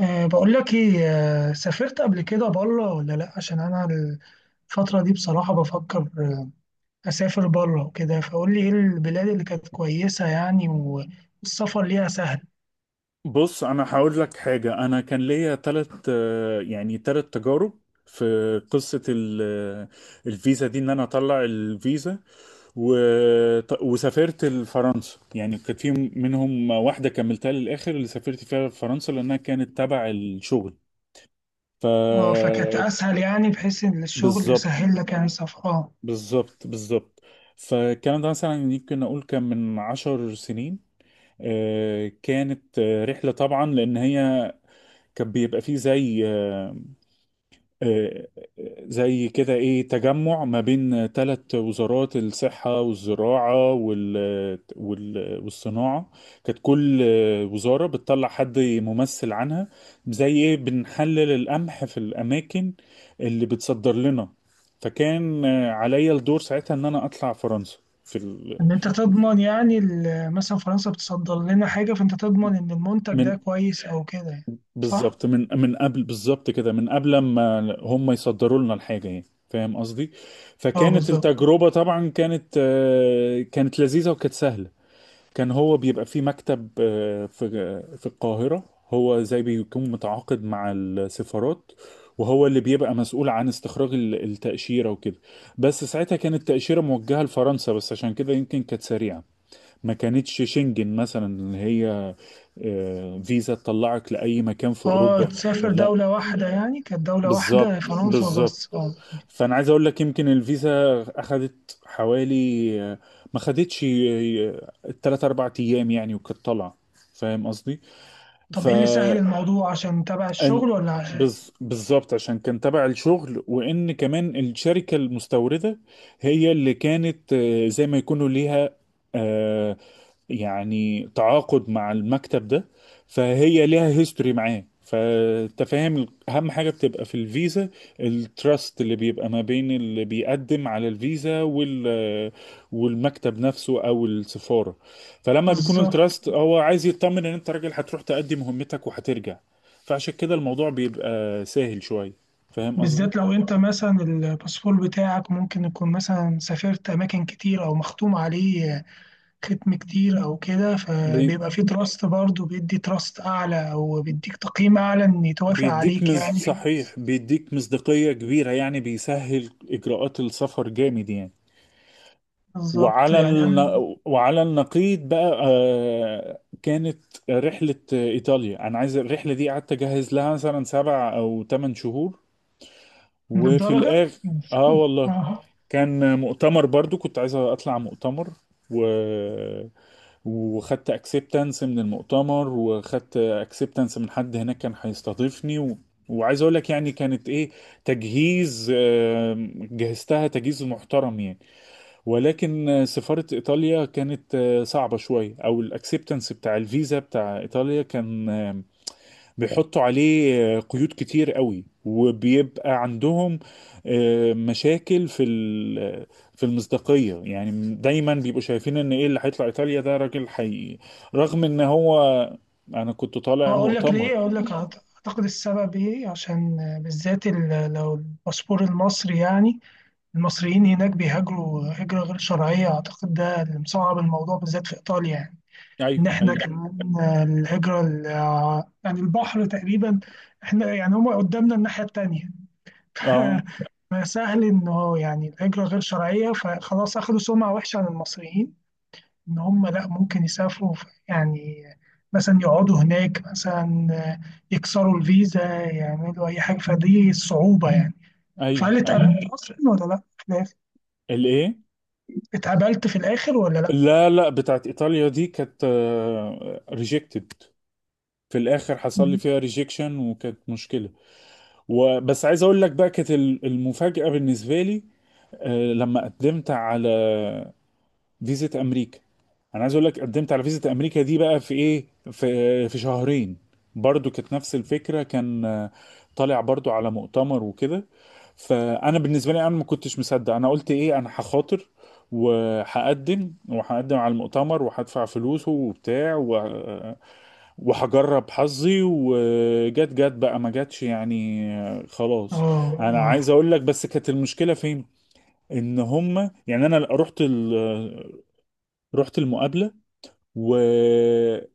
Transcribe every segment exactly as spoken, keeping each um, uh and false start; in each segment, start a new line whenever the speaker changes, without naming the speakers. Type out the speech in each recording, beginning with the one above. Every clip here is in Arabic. أه بقول لك ايه. أه سافرت قبل كده بره ولا لا؟ عشان انا الفترة دي بصراحة بفكر، آه، اسافر بره وكده، فقول لي ايه البلاد اللي كانت كويسة يعني، و- والسفر ليها سهل.
بص، انا هقول لك حاجه. انا كان ليا ثلاث يعني ثلاث تجارب في قصه ال- الفيزا دي، ان انا اطلع الفيزا و... وسافرت لفرنسا. يعني كانت في منهم واحده كملتها للاخر اللي سافرت فيها فرنسا لانها كانت تبع الشغل. ف
اه فكانت اسهل، يعني بحيث ان الشغل
بالظبط،
سهل لك، يعني السفر اه
بالظبط، بالظبط. فالكلام ده مثلا يمكن اقول كان من عشر سنين. آه، كانت آه، رحله طبعا، لان هي كان بيبقى فيه زي آه، آه، آه، زي كده ايه، تجمع ما بين ثلاث وزارات: الصحة والزراعة وال وال والصناعة. كانت كل آه، وزارة بتطلع حد ممثل عنها، زي ايه بنحلل القمح في الأماكن اللي بتصدر لنا. فكان آه، عليا الدور ساعتها ان انا اطلع فرنسا في ال...
ان انت تضمن، يعني ال- مثلا فرنسا بتصدر لنا حاجة، فانت تضمن ان المنتج
من
ده كويس او كده يعني. صح؟
بالظبط، من من قبل، بالظبط كده، من قبل ما هم يصدروا لنا الحاجة، يعني فاهم قصدي.
اه،
فكانت
بالظبط.
التجربة طبعا، كانت آه، كانت لذيذة وكانت سهلة. كان هو بيبقى في مكتب آه، في في القاهرة. هو زي بيكون متعاقد مع السفارات، وهو اللي بيبقى مسؤول عن استخراج ال- التأشيرة وكده. بس ساعتها كانت التأشيرة موجهة لفرنسا بس، عشان كده يمكن كانت سريعة. ما كانتش شنجن مثلا، اللي هي آه، فيزا تطلعك لأي مكان في
اه،
أوروبا.
تسافر
لا،
دولة واحدة، يعني كانت دولة واحدة
بالظبط،
فرنسا
بالظبط.
بس اه
فأنا عايز أقول لك، يمكن الفيزا أخدت حوالي آه، ما خدتش، ثلاثة أربعة أيام يعني، وكانت طالعة. فاهم قصدي؟
طب ايه اللي سهل الموضوع؟ عشان تبع
أن
الشغل ولا عشان؟
بز- بالظبط، عشان كان تبع الشغل، وان كمان الشركه المستورده هي اللي كانت آه، زي ما يكونوا ليها آه، يعني تعاقد مع المكتب ده. فهي ليها هيستوري معاه. فانت فاهم، اهم حاجه بتبقى في الفيزا التراست اللي بيبقى ما بين اللي بيقدم على الفيزا وال والمكتب نفسه او السفاره. فلما بيكون
بالظبط.
التراست، هو عايز يطمن ان انت راجل هتروح تأدي مهمتك وهترجع. فعشان كده الموضوع بيبقى سهل شوية، فاهم قصدي.
بالذات لو انت مثلا الباسبور بتاعك ممكن يكون مثلا سافرت اماكن كتير او مختوم عليه ختم كتير او كده،
بي
فبيبقى فيه تراست برضه، بيدي تراست اعلى او بيديك تقييم اعلى ان يتوافق
بيديك
عليك
مز
يعني.
صحيح، بيديك مصداقية كبيرة، يعني بيسهل إجراءات السفر جامد يعني.
بالظبط،
وعلى
يعني
الن...
انا
وعلى النقيض بقى، آه، كانت رحلة إيطاليا. أنا عايز الرحلة دي قعدت أجهز لها مثلا سبع أو ثمان شهور.
من
وفي
الدرجة.
الآخر، آه والله،
اه.
كان مؤتمر برضو، كنت عايز اطلع مؤتمر، و وخدت اكسبتنس من المؤتمر، وخدت اكسبتنس من حد هناك كان هيستضيفني، و... وعايز اقول لك، يعني كانت ايه، تجهيز، آم، جهزتها تجهيز محترم يعني. ولكن آه، سفارة ايطاليا كانت آه، صعبة شوية، او الاكسبتنس بتاع الفيزا بتاع ايطاليا كان آه، بيحطوا عليه آه، قيود كتير قوي، وبيبقى عندهم آه، مشاكل في ال- في المصداقية. يعني دايما بيبقوا شايفين ان ايه اللي هيطلع ايطاليا ده راجل حقيقي، رغم ان هو، انا كنت طالع
اقول لك
مؤتمر.
ليه، اقول لك أعت- اعتقد السبب ايه، عشان بالذات ال- لو الباسبور المصري، يعني المصريين هناك بيهاجروا هجرة غير شرعية، أعتقد ده اللي مصعب الموضوع بالذات في إيطاليا يعني. إن
ايوه،
إحنا
ايوه.
كمان آه، الهجرة ال- آه، يعني البحر تقريبا، إحنا يعني هما قدامنا الناحية التانية.
اه،
فسهل إنه يعني الهجرة غير شرعية، فخلاص أخدوا سمعة وحشة عن المصريين، إن هما لأ، ممكن يسافروا ف- يعني مثلا يقعدوا هناك مثلا، آه، يكسروا الفيزا، يعملوا أي حاجة، فدي الصعوبة يعني.
ايوه،
فهل
ايوه.
اتقابلت أصلا ولا لأ؟ في الآخر؟
الايه
اتقابلت في الآخر ولا لأ؟
لا، لا، بتاعت ايطاليا دي كانت ريجكتد، في الاخر حصل لي
اه.
فيها ريجكشن وكانت مشكلة. وبس عايز اقول لك بقى، كانت ال- المفاجأة بالنسبة لي آه، لما قدمت على فيزا امريكا. انا عايز اقول لك، قدمت على فيزا امريكا دي بقى في ايه، في في شهرين. برضو كانت نفس الفكره، كان آه، طالع برضو على مؤتمر وكده. فانا بالنسبه لي انا ما كنتش مصدق. انا قلت ايه، انا هخاطر، وهقدم وهقدم على المؤتمر، وهدفع فلوسه وبتاع، و- وهجرب حظي. وجت، جت بقى، ما جاتش يعني، آه، خلاص. انا
اه،
عايز اقول لك بس، كانت المشكله فين، ان هم يعني، انا رحت ال... رحت المقابله، و...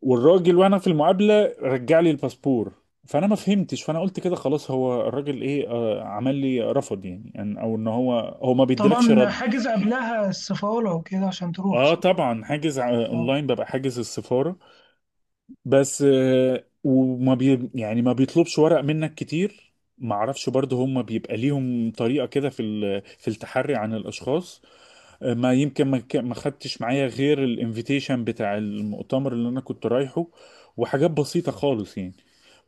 والراجل وانا في المقابله رجع لي الباسبور. فانا ما فهمتش. فانا قلت كده خلاص، هو الراجل ايه آه، عمل لي رفض، يعني يعني- او ان هو هو ما بيديلكش
طبعا
رد.
حاجز قبلها السفارة وكده عشان تروح
اه
صح؟
طبعا حاجز، ع-
اه.
اونلاين، ببقى حاجز السفاره. بس آه، وما بي يعني ما بيطلبش ورق منك كتير. ما اعرفش برضه، هم بيبقى ليهم طريقه كده في ال... في التحري عن الاشخاص. ما يمكن ما ك- ما خدتش معايا غير الانفيتيشن بتاع المؤتمر اللي انا كنت رايحه، وحاجات بسيطة خالص يعني.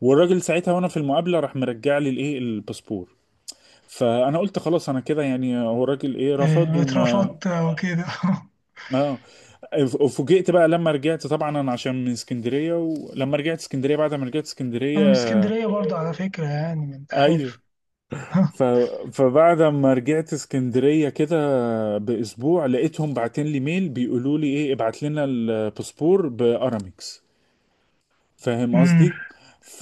والراجل ساعتها وانا في المقابلة راح مرجع لي الايه الباسبور. فانا قلت خلاص، انا كده يعني، هو الراجل ايه رفض.
إيه،
وما...
اترفضت وكده.
اه، فوجئت بقى لما رجعت. طبعا انا عشان من اسكندرية، ولما رجعت اسكندرية، بعد ما رجعت
أنا من
اسكندرية،
اسكندرية برضه على فكرة، يعني من
ايوه،
حلف.
ف... فبعد ما رجعت اسكندرية كده بأسبوع، لقيتهم باعتين لي ميل بيقولوا لي ايه، ابعت لنا الباسبور بأرامكس. فاهم
أمم.
قصدي؟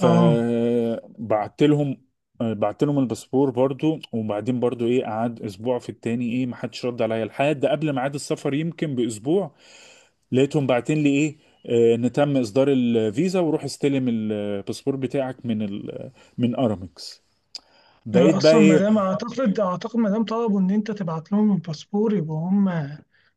اه،
لهم، بعت لهم الباسبور برضو. وبعدين برضو ايه، قعد اسبوع في التاني ايه، ما حدش رد عليا، لحد قبل ميعاد السفر يمكن باسبوع، لقيتهم باعتين لي ايه آه، ان تم اصدار الفيزا، وروح استلم الباسبور بتاعك من ال... من ارامكس. بقيت بقى
أصلا
ايه.
مادام أعتقد، أعتقد مادام طلبوا إن أنت تبعت لهم الباسبور، يبقى هم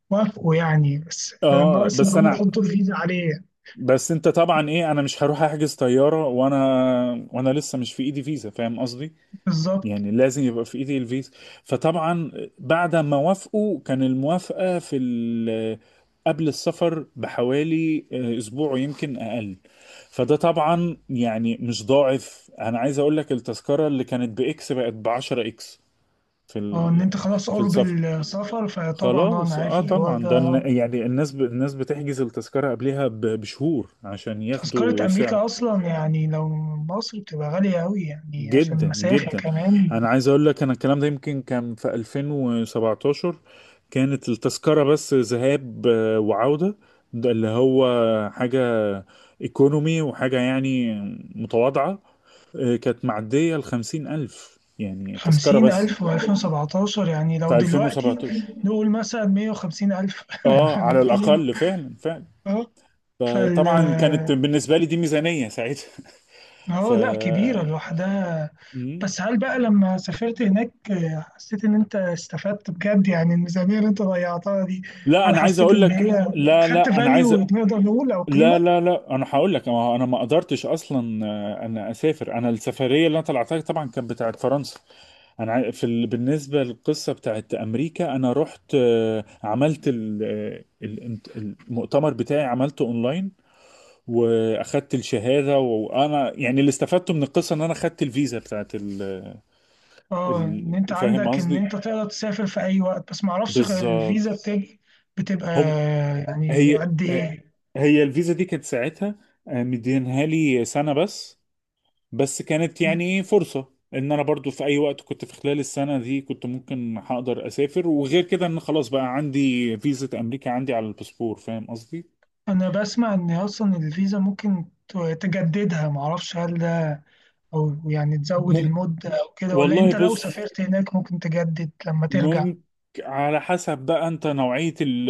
وافقوا يعني، بس
اه
ناقص إن
بس
هم
انا،
يحطوا الفيزا عليه.
بس انت طبعا ايه، انا مش هروح احجز طياره وانا وانا لسه مش في ايدي فيزا، فاهم قصدي.
بالظبط.
يعني لازم يبقى في ايدي الفيزا. فطبعا بعد ما وافقوا، كان الموافقه في ال... قبل السفر بحوالي اه، اسبوع ويمكن اقل. فده طبعا يعني مش ضاعف، انا عايز اقول لك التذكره اللي كانت باكس بقت ب عشرة اكس في
اه، إن
ال...
أنت خلاص
في
قرب
السفر.
السفر، فطبعا أه أنا
خلاص
عارف
اه،
الحوار
طبعا ده
ده.
الن- يعني الناس ب... الناس بتحجز التذكرة قبلها ب... بشهور عشان
تذكرة
ياخدوا سعر.
أمريكا أصلا، يعني لو من مصر، بتبقى غالية أوي يعني عشان
جدا
المسافة
جدا.
كمان.
انا عايز اقول لك، انا الكلام ده يمكن كان في ألفين وسبعتاشر. كانت التذكرة بس ذهاب آه، وعودة، ده اللي هو حاجة ايكونومي وحاجة يعني متواضعة. آه، كانت معدية الخمسين ألف، يعني تذكرة
خمسين
بس،
ألف وألفين سبعتاشر، يعني لو
في
دلوقتي
ألفين وسبعتاشر.
نقول مثلا مية وخمسين ألف.
اه، على
ميتين.
الأقل، فعلا، فعلا.
اه، فال
فطبعا كانت بالنسبه لي دي ميزانيه ساعتها. ف
اه لأ، كبيرة لوحدها.
مم.
بس هل بقى لما سافرت هناك، حسيت إن أنت استفدت بجد؟ يعني الميزانية اللي أنت ضيعتها دي،
لا،
هل
انا عايز
حسيت
اقول
إن
لك،
هي
لا،
خدت
لا، انا عايز،
فاليو نقدر نقول، أو
لا،
قيمة؟
لا، لا، انا هقول لك. ما هو انا ما قدرتش اصلا، آه، انا اسافر. انا السفريه اللي انا طلعتها طبعا كانت بتاعت فرنسا. انا عاي- في ال... بالنسبه للقصه بتاعت امريكا، انا رحت آه، عملت ال... آه، ال- المؤتمر بتاعي عملته اونلاين، واخدت الشهاده. وانا يعني اللي استفدته من القصه ان انا خدت الفيزا بتاعت ال...
اه، ان انت
ال- فاهم
عندك ان
قصدي.
انت تقدر تسافر في اي وقت، بس ما اعرفش، غير
بالظبط.
الفيزا بتبقى بتبقى
هم
يعني
هي
قد ايه؟
هي الفيزا دي كانت ساعتها آه، مدينها لي سنة بس. بس كانت يعني إيه فرصة، ان انا برضو في اي وقت كنت في خلال السنة دي كنت ممكن هقدر اسافر، وغير كده ان خلاص بقى عندي فيزا امريكا عندي على الباسبور، فاهم قصدي.
انا بسمع ان اصلا الفيزا ممكن ت- تجددها، ما اعرفش هل ده، او يعني تزود
مم...
المدة او كده، ولا
والله
انت لو
بص،
سافرت هناك ممكن تجدد لما ترجع.
ممكن. على حسب بقى انت، نوعية ال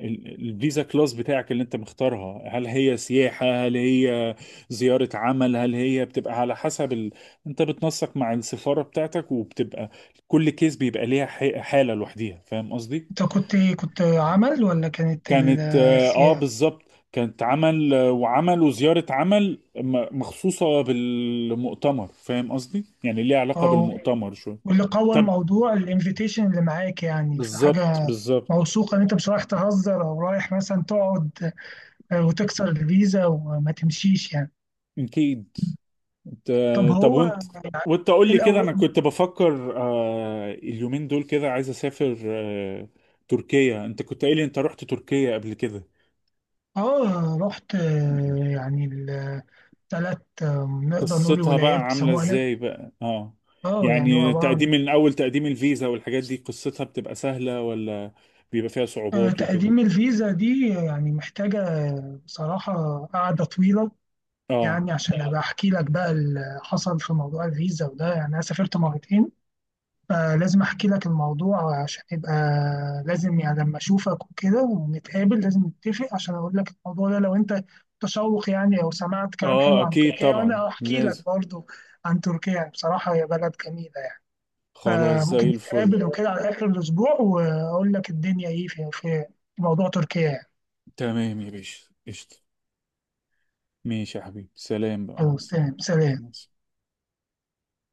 ال- الفيزا كلاس بتاعك اللي انت مختارها، هل هي سياحة، هل هي زيارة عمل، هل هي بتبقى على حسب ال... انت بتنسق مع السفارة بتاعتك، وبتبقى كل كيس بيبقى ليها ح- حالة لوحديها. فاهم قصدي؟
انت كنت ايه، كنت عمل ولا كانت ال-
كانت اه، آه،
السياحة؟
بالظبط. كانت عمل، آه، وعمل وزيارة عمل م- مخصوصة بالمؤتمر، فاهم قصدي؟ يعني ليها علاقة
او
بالمؤتمر شوية.
واللي قوى
طب.
الموضوع الانفيتيشن اللي معاك، يعني في
بالظبط،
حاجة
بالظبط.
موثوقة ان انت مش رايح تهزر، او رايح مثلا تقعد، آه، وتكسر الفيزا وما تمشيش يعني.
اكيد. انت،
طب
طب
هو
وانت، وانت قول لي كده. انا
الأول.
كنت بفكر آه اليومين دول كده، عايز اسافر آه تركيا. انت كنت قايل لي انت رحت تركيا قبل كده.
اه، رحت، آه،
مم.
يعني الثلاث، آه، نقدر نقول
قصتها بقى
ولايات
عاملة
بيسموها هناك.
ازاي بقى؟ اه.
اه، يعني هو
يعني
عبارة
تقديم،
عن
من اول تقديم الفيزا والحاجات دي، قصتها بتبقى سهلة، ولا بيبقى فيها
آه،
صعوبات وكده؟
تقديم الفيزا دي، يعني محتاجة آه، بصراحة قعدة طويلة.
اه.
يعني عشان أبقى أحكي لك بقى اللي حصل في موضوع الفيزا وده، يعني أنا سافرت مرتين، فلازم أحكي لك الموضوع عشان يبقى، لازم يعني لما أشوفك وكده ونتقابل، لازم نتفق عشان أقول لك الموضوع ده، لو أنت متشوق يعني أو سمعت كلام
اه
حلو عن
اكيد
تركيا،
طبعا
وأنا أحكي لك
لازم.
برضو عن تركيا. يعني بصراحة هي بلد جميلة يعني.
خلاص،
فممكن
زي الفل.
نتقابل وكده على آخر الأسبوع، وأقول لك الدنيا إيه في في موضوع تركيا يعني.
تمام يا باشا، قشطة. ماشي يا حبيبي، سلام بقى، مع
خلاص
السلامة.
تمام،
مع
سلام.
السلامة.